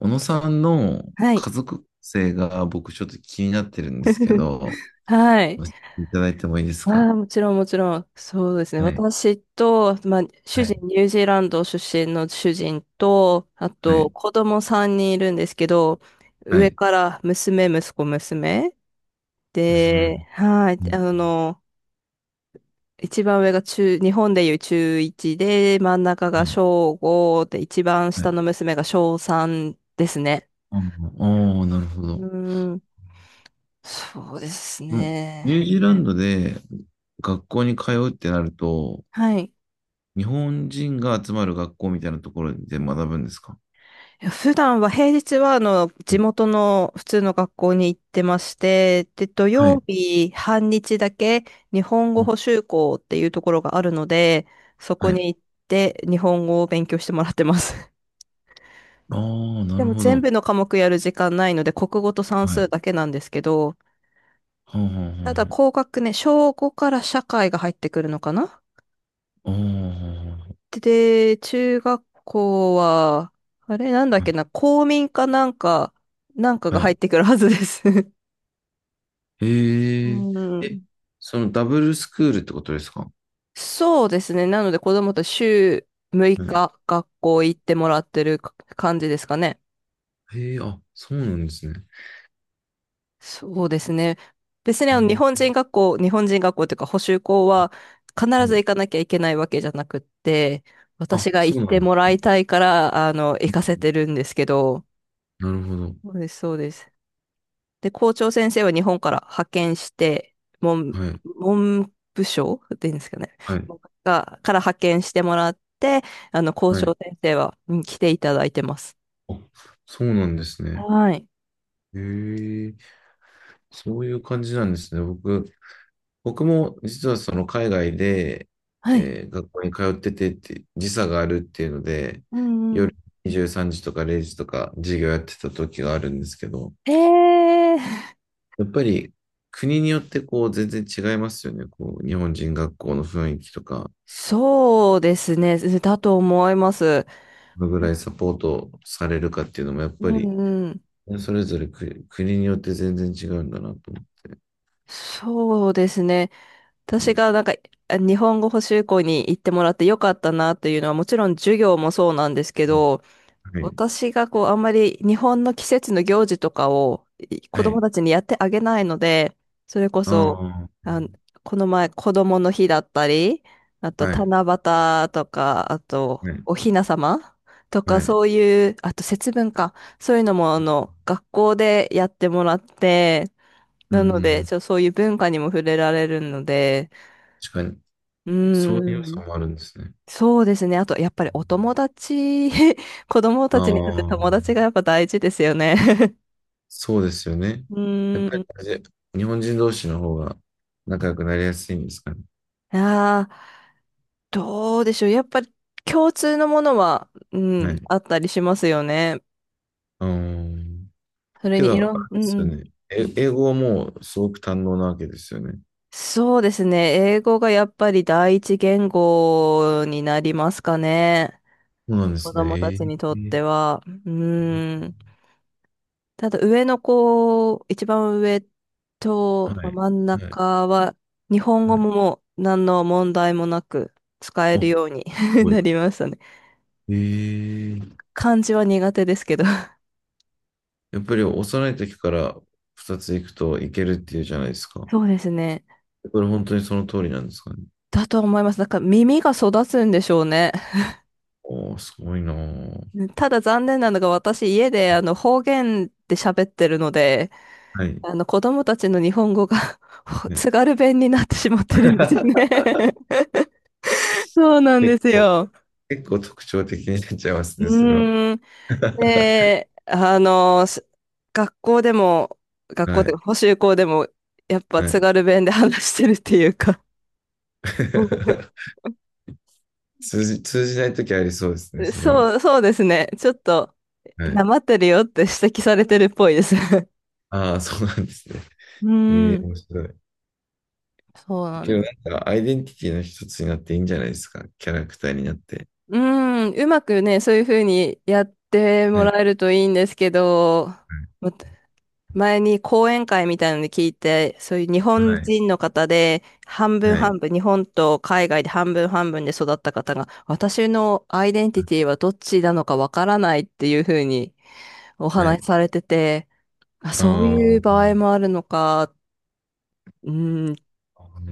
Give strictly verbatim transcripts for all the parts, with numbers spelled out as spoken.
小野さんのはい。家族性が僕ちょっと気になってるんですけ ど、はい。教えていただいてもいいですああ、か？もちろん、もちろん。そうですね。はい、私と、まあ、主はい、人、ニュージーランド出身の主人と、あはと、い、子供さんにんいるんですけど、は上い。から娘、息子、娘。娘で、はい。あもの、一番上が中、日本でいう中ちゅういちで、真ん中はが小い、しょうごで、一番は下い。の娘が小しょうさんですね。ああ、なるほど。うーもん、そうですうニューね。ジーランドで学校に通うってなると、はい。日本人が集まる学校みたいなところで学ぶんですか？いや普段は、平日は、あの、地元の普通の学校に行ってまして、で、土は曜い、日半日だけ日本語うん補習校っていうところがあるので、そこはい。に行って日本語を勉強してもらってます。ああ、なでるもほ全ど。部の科目やる時間ないので、国語と算はい。は数だけなんですけど、あ、ただは高学年、小しょうごから社会が入ってくるのかな。あ、はあ、はあ。ああ、はあはで、中学校は、あれなんだっあはけな、公民かなんか、なんかが入ってあくるはずです。うへえ、え、ん、そのダブルスクールってことですか？そうですね。なので子供と週ろくにちうん。学校行ってもらってるか感じですかね。へえ、あ、そうなんですね。そうですね。別にへあの日え、本人学校、日本人学校というか補習校は必ず行ねかなきゃいけないわけじゃなくって、私あ、が行っそうなてんもだ。らいたいから、あの、行かせてるんですけど、なるほど。そうです、そうです。で、校長先生は日本から派遣して、文、はい、文部省っていうんですかね。はい、が、から派遣してもらって、あの、校はい。長先生は、うん来ていただいてます。あ、そうなんですね。はい。へえ、そういう感じなんですね。僕、僕も実はその海外で、はい。えー学校に通っててって、時差があるっていうので、うんう夜ん。にじゅうさんじとかれいじとか授業やってた時があるんですけど、ええ、やっぱり国によってこう全然違いますよね。こう日本人学校の雰囲気とか、そうですね。だと思います。どのぐらいサポートされるかっていうのもやっうぱりんうん。それぞれ国、国によって全然違うんだなと思って。そうですね。は私い。がなんかあ日本語補習校に行ってもらってよかったなというのはもちろん授業もそうなんですけど、はい。私がこう、あんまり日本の季節の行事とかをい子は供い。たちにやってあげないので、それこあそ、あ。あの、この前、子供の日だったり、あと、はい。七夕とか、あと、はい。お雛様とはか、い。そういう、あと、節分か、そういうのも、あの、学校でやってもらって、うんうんなうので、ん。ちょ、そういう文化にも触れられるので、確かに。うそういうー要素ん、もあるんですね。そうですね。あと、やっぱりお友達、子供あたちにとって友達あ。がやっぱ大事ですよね。そうですよね。うやっーぱりん。あれで日本人同士の方が仲良くなりやすいんですかね？ああ、どうでしょう。やっぱり共通のものは、うはん、い。あったりしますよね。ああ。それけにど、いあれろん、うでんうすよん。ね。え英語はもうすごく堪能なわけですよね。そうですね。英語がやっぱり第一言語になりますかね。そうなんで子す供たちね。にとえっーては。うーん。ただ上の子、一番上はと、まあい。真んはい。中は、日本語はい。ももう何の問題もなく使えお、るすように ごない。りましたね。えー、漢字は苦手ですけど。やっぱり幼い時からふたつ行くといけるっていうじゃないですか。そうですね。これ本当にその通りなんですかね？だと思います。だから耳が育つんでしょうね。おー、すごいなー。ただ残念なのが私家であの方言で喋ってるので、はい。あの子供たちの日本語が ね。津軽弁になってしまってるんですよ ね。 そうなん結です構、よ。結構特徴的になっちゃいますうね、それは。ーん。で、あの、す学校でも、学校はっていうい。か補習校でも、やっぱは津い。軽弁で 話してるっていうか 通じ、通じない時ありそうですね、それは。そう、そうですね。ちょっと、はない。まってるよって指摘されてるっぽいです。ああ、そうなんですね。うーええん、面白い。そうなけんどです。なんか、アイデンティティの一つになっていいんじゃないですか。キャラクターになって。うーん、うまくね、そういうふうにやってもはい。らえるといいんですけど、ま前に講演会みたいなので聞いて、そういう日は本い。人の方で、半分はい。半分、日本と海外で半分半分で育った方が、私のアイデンティティはどっちなのかわからないっていうふうにおは話しい。されてて、あ、あああそういうの、場合もあるのか、うん、っ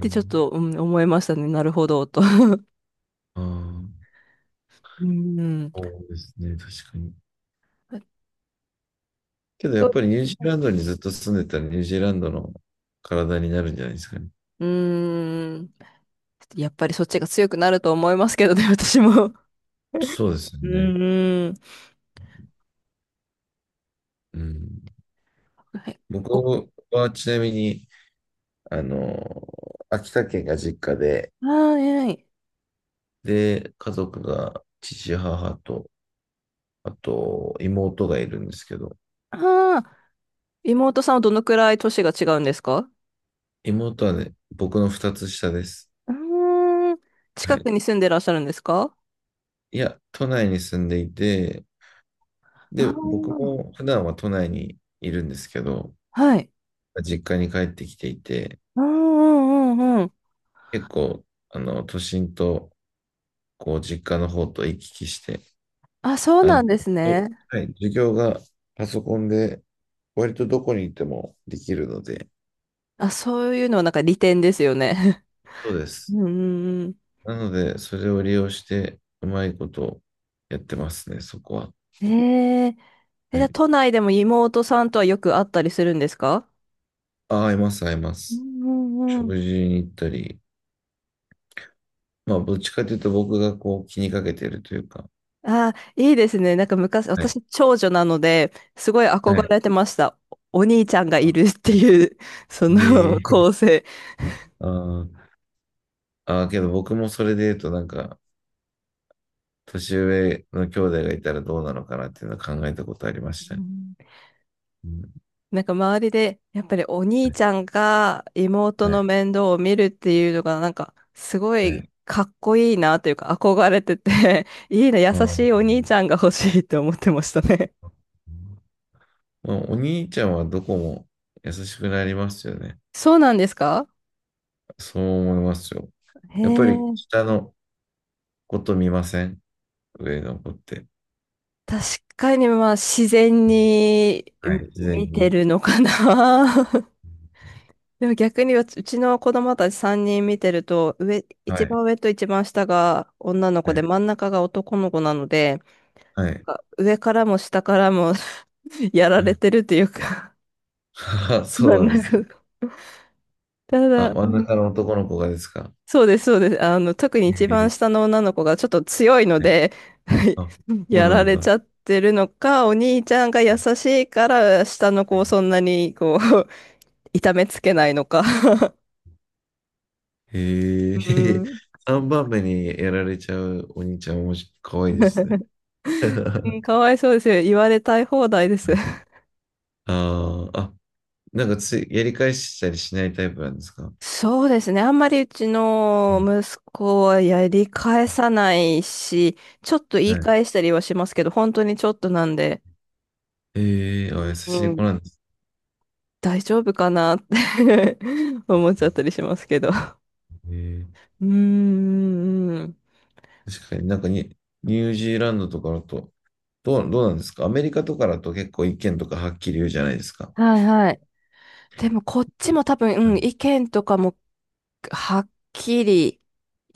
てちょっと、うん、思いましたね。なるほど、と。ああうん。そうですね。確かに。けどやっぱりニュージーランドにずっと住んでたらニュージーランドの体になるんじゃないですかね？うん。やっぱりそっちが強くなると思いますけどね、私も。そうですようね。ん。うん。はい。ご僕はちなみに、あの、秋田県が実家で、はい。で、家族が父、母と、あと妹がいるんですけど、ああ、妹さんはどのくらい年が違うんですか？妹はね、僕の二つ下です。うーん、は近い。くに住んでらっしゃるんですか？いや、都内に住んでいて、で、僕あも普段は都内にいるんですけど、あ、はい。実家に帰ってきていて、うんうんうんうん。結構、あの、都心と、こう、実家の方と行き来して、あ、そうあの、なんですね。はい、授業がパソコンで、割とどこに行ってもできるので、あ、そういうのはなんか利点ですよね。そうで す。うんうんなので、それを利用して、うまいことやってますね、そこは。うん。えー、え、じはゃあい。都内でも妹さんとはよく会ったりするんですか？あ、合います、合いまうす。んうんうん。食事に行ったり、まあ、どっちかというと僕がこう気にかけてるというか、あいいですね。なんか昔、はい。私、長女なので、すごいは憧い。れてました。おお兄ちゃんがいあるっていう、その え構え成。あーあー、けど僕もそれで言うとなんか、年上の兄弟がいたらどうなのかなっていうのは考えたことありましうたね。ん、うん。なんか周りで、やっぱりお兄はい。ちゃんが妹の面倒を見るっていうのが、なんかすごはいい。かっこいいなというか憧れてて いいな、優うしん。いお兄ちゃんが欲しいって思ってましたね。まあ、お兄ちゃんはどこも優しくなりますよね。そうなんですか？そう思いますよ。へやっぱりえ、下のこと見ません上の子って？確かにまあ自然にはい。み自然見てに。るのかな。でも逆にうちうちの子供たちさんにん見てると、上、は一い。番上と一番下が女のは子でい。真ん中が男の子なので、はい。か上からも下からも やらはれい てるというか あ そまうあなんなでんすね。かたあ、だ、う真んん、中の男の子がですか？そうです、そうです。あの、特に一番え下えの女の子がちょっと強いのはい。で あ、そうやならんれちだ。ゃってるのか、お兄ちゃんが優しいから下の子をそんなにこう 痛めつけないのか、へえ、う ん、さんばんめにやられちゃうお兄ちゃん、おもし、かわいいですね。うん かわいそうですよ。言われたい放題です。ああ。あ、なんかつい、やり返したりしないタイプなんですかはそうですね。あんまりうちのい。息子はやり返さないし、ちょっと言はいい返したりはしますけど、本当にちょっとなんで。ええあ、優しうい子ん。なんです。大丈夫かなって 思っちゃったりしますけど。うええーん。確かになんかに、ニュージーランドとかだと、どう、どうなんですかアメリカとかだと結構意見とかはっきり言うじゃないですか。はいはい。でもこっちも多分、はうん、い意見とかもはっきり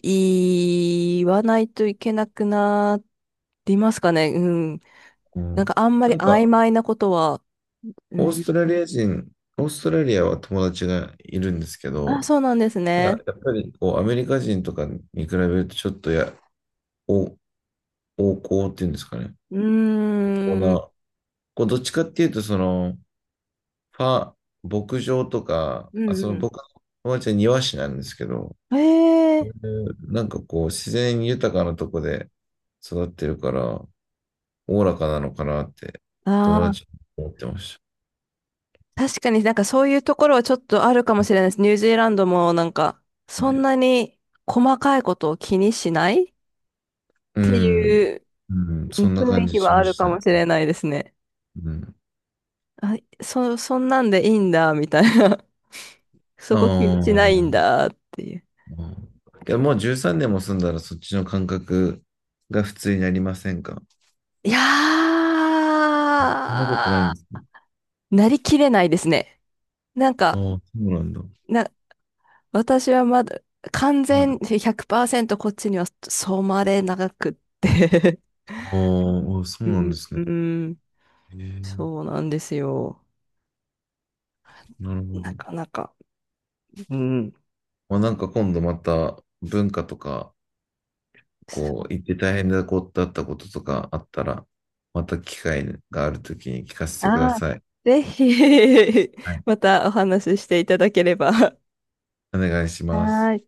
言わないといけなくなりますかね。うん。うなんかん、あんまりなん曖か、昧なことは、うオーん。ストラリア人、オーストラリアは友達がいるんですけあ、ど、そうなんですただね。やっぱりこうアメリカ人とかに比べるとちょっとや、お、横行っていうんですかね？うーこうん。な、こうどっちかっていうと、その、ファ、牧場とか、うあ、そのん僕の友達は庭師なんですけど、うん。へそういえ。うなんかこう自然豊かなとこで育ってるから、おおらかなのかなって友あ達あ、は思ってまし確かになんかそういうところはちょっとあるかもしれないです。ニュージーランドもなんか、たそんね。なに細かいことを気にしないっうてん。いううん、うんそんな雰感囲じ気しはあまるしかたもね。しれないですね。うん。あ、そ、そんなんでいいんだ、みたいな。そあこ気にしないんあ、だ、っていう。けどもうじゅうさんねんも住んだらそっちの感覚が普通になりませんか？いやそんなことないんー、ですね。なりきれないですね。なんあか、あ、そうなんだ。な、私はまだ完は全い。ひゃくパーセントこっちには染まれなくって ああ、そううなんでん、すうね。んええ、そうなんですよ。なるほなど。かなか。うん。まあ、なんか今度また文化とか、こう、行って大変なことだったこととかあったら、また機会があるときに聞かせてくだああ、さい。ぜひ は い。またお話ししていただければ。はお願いします。ーい。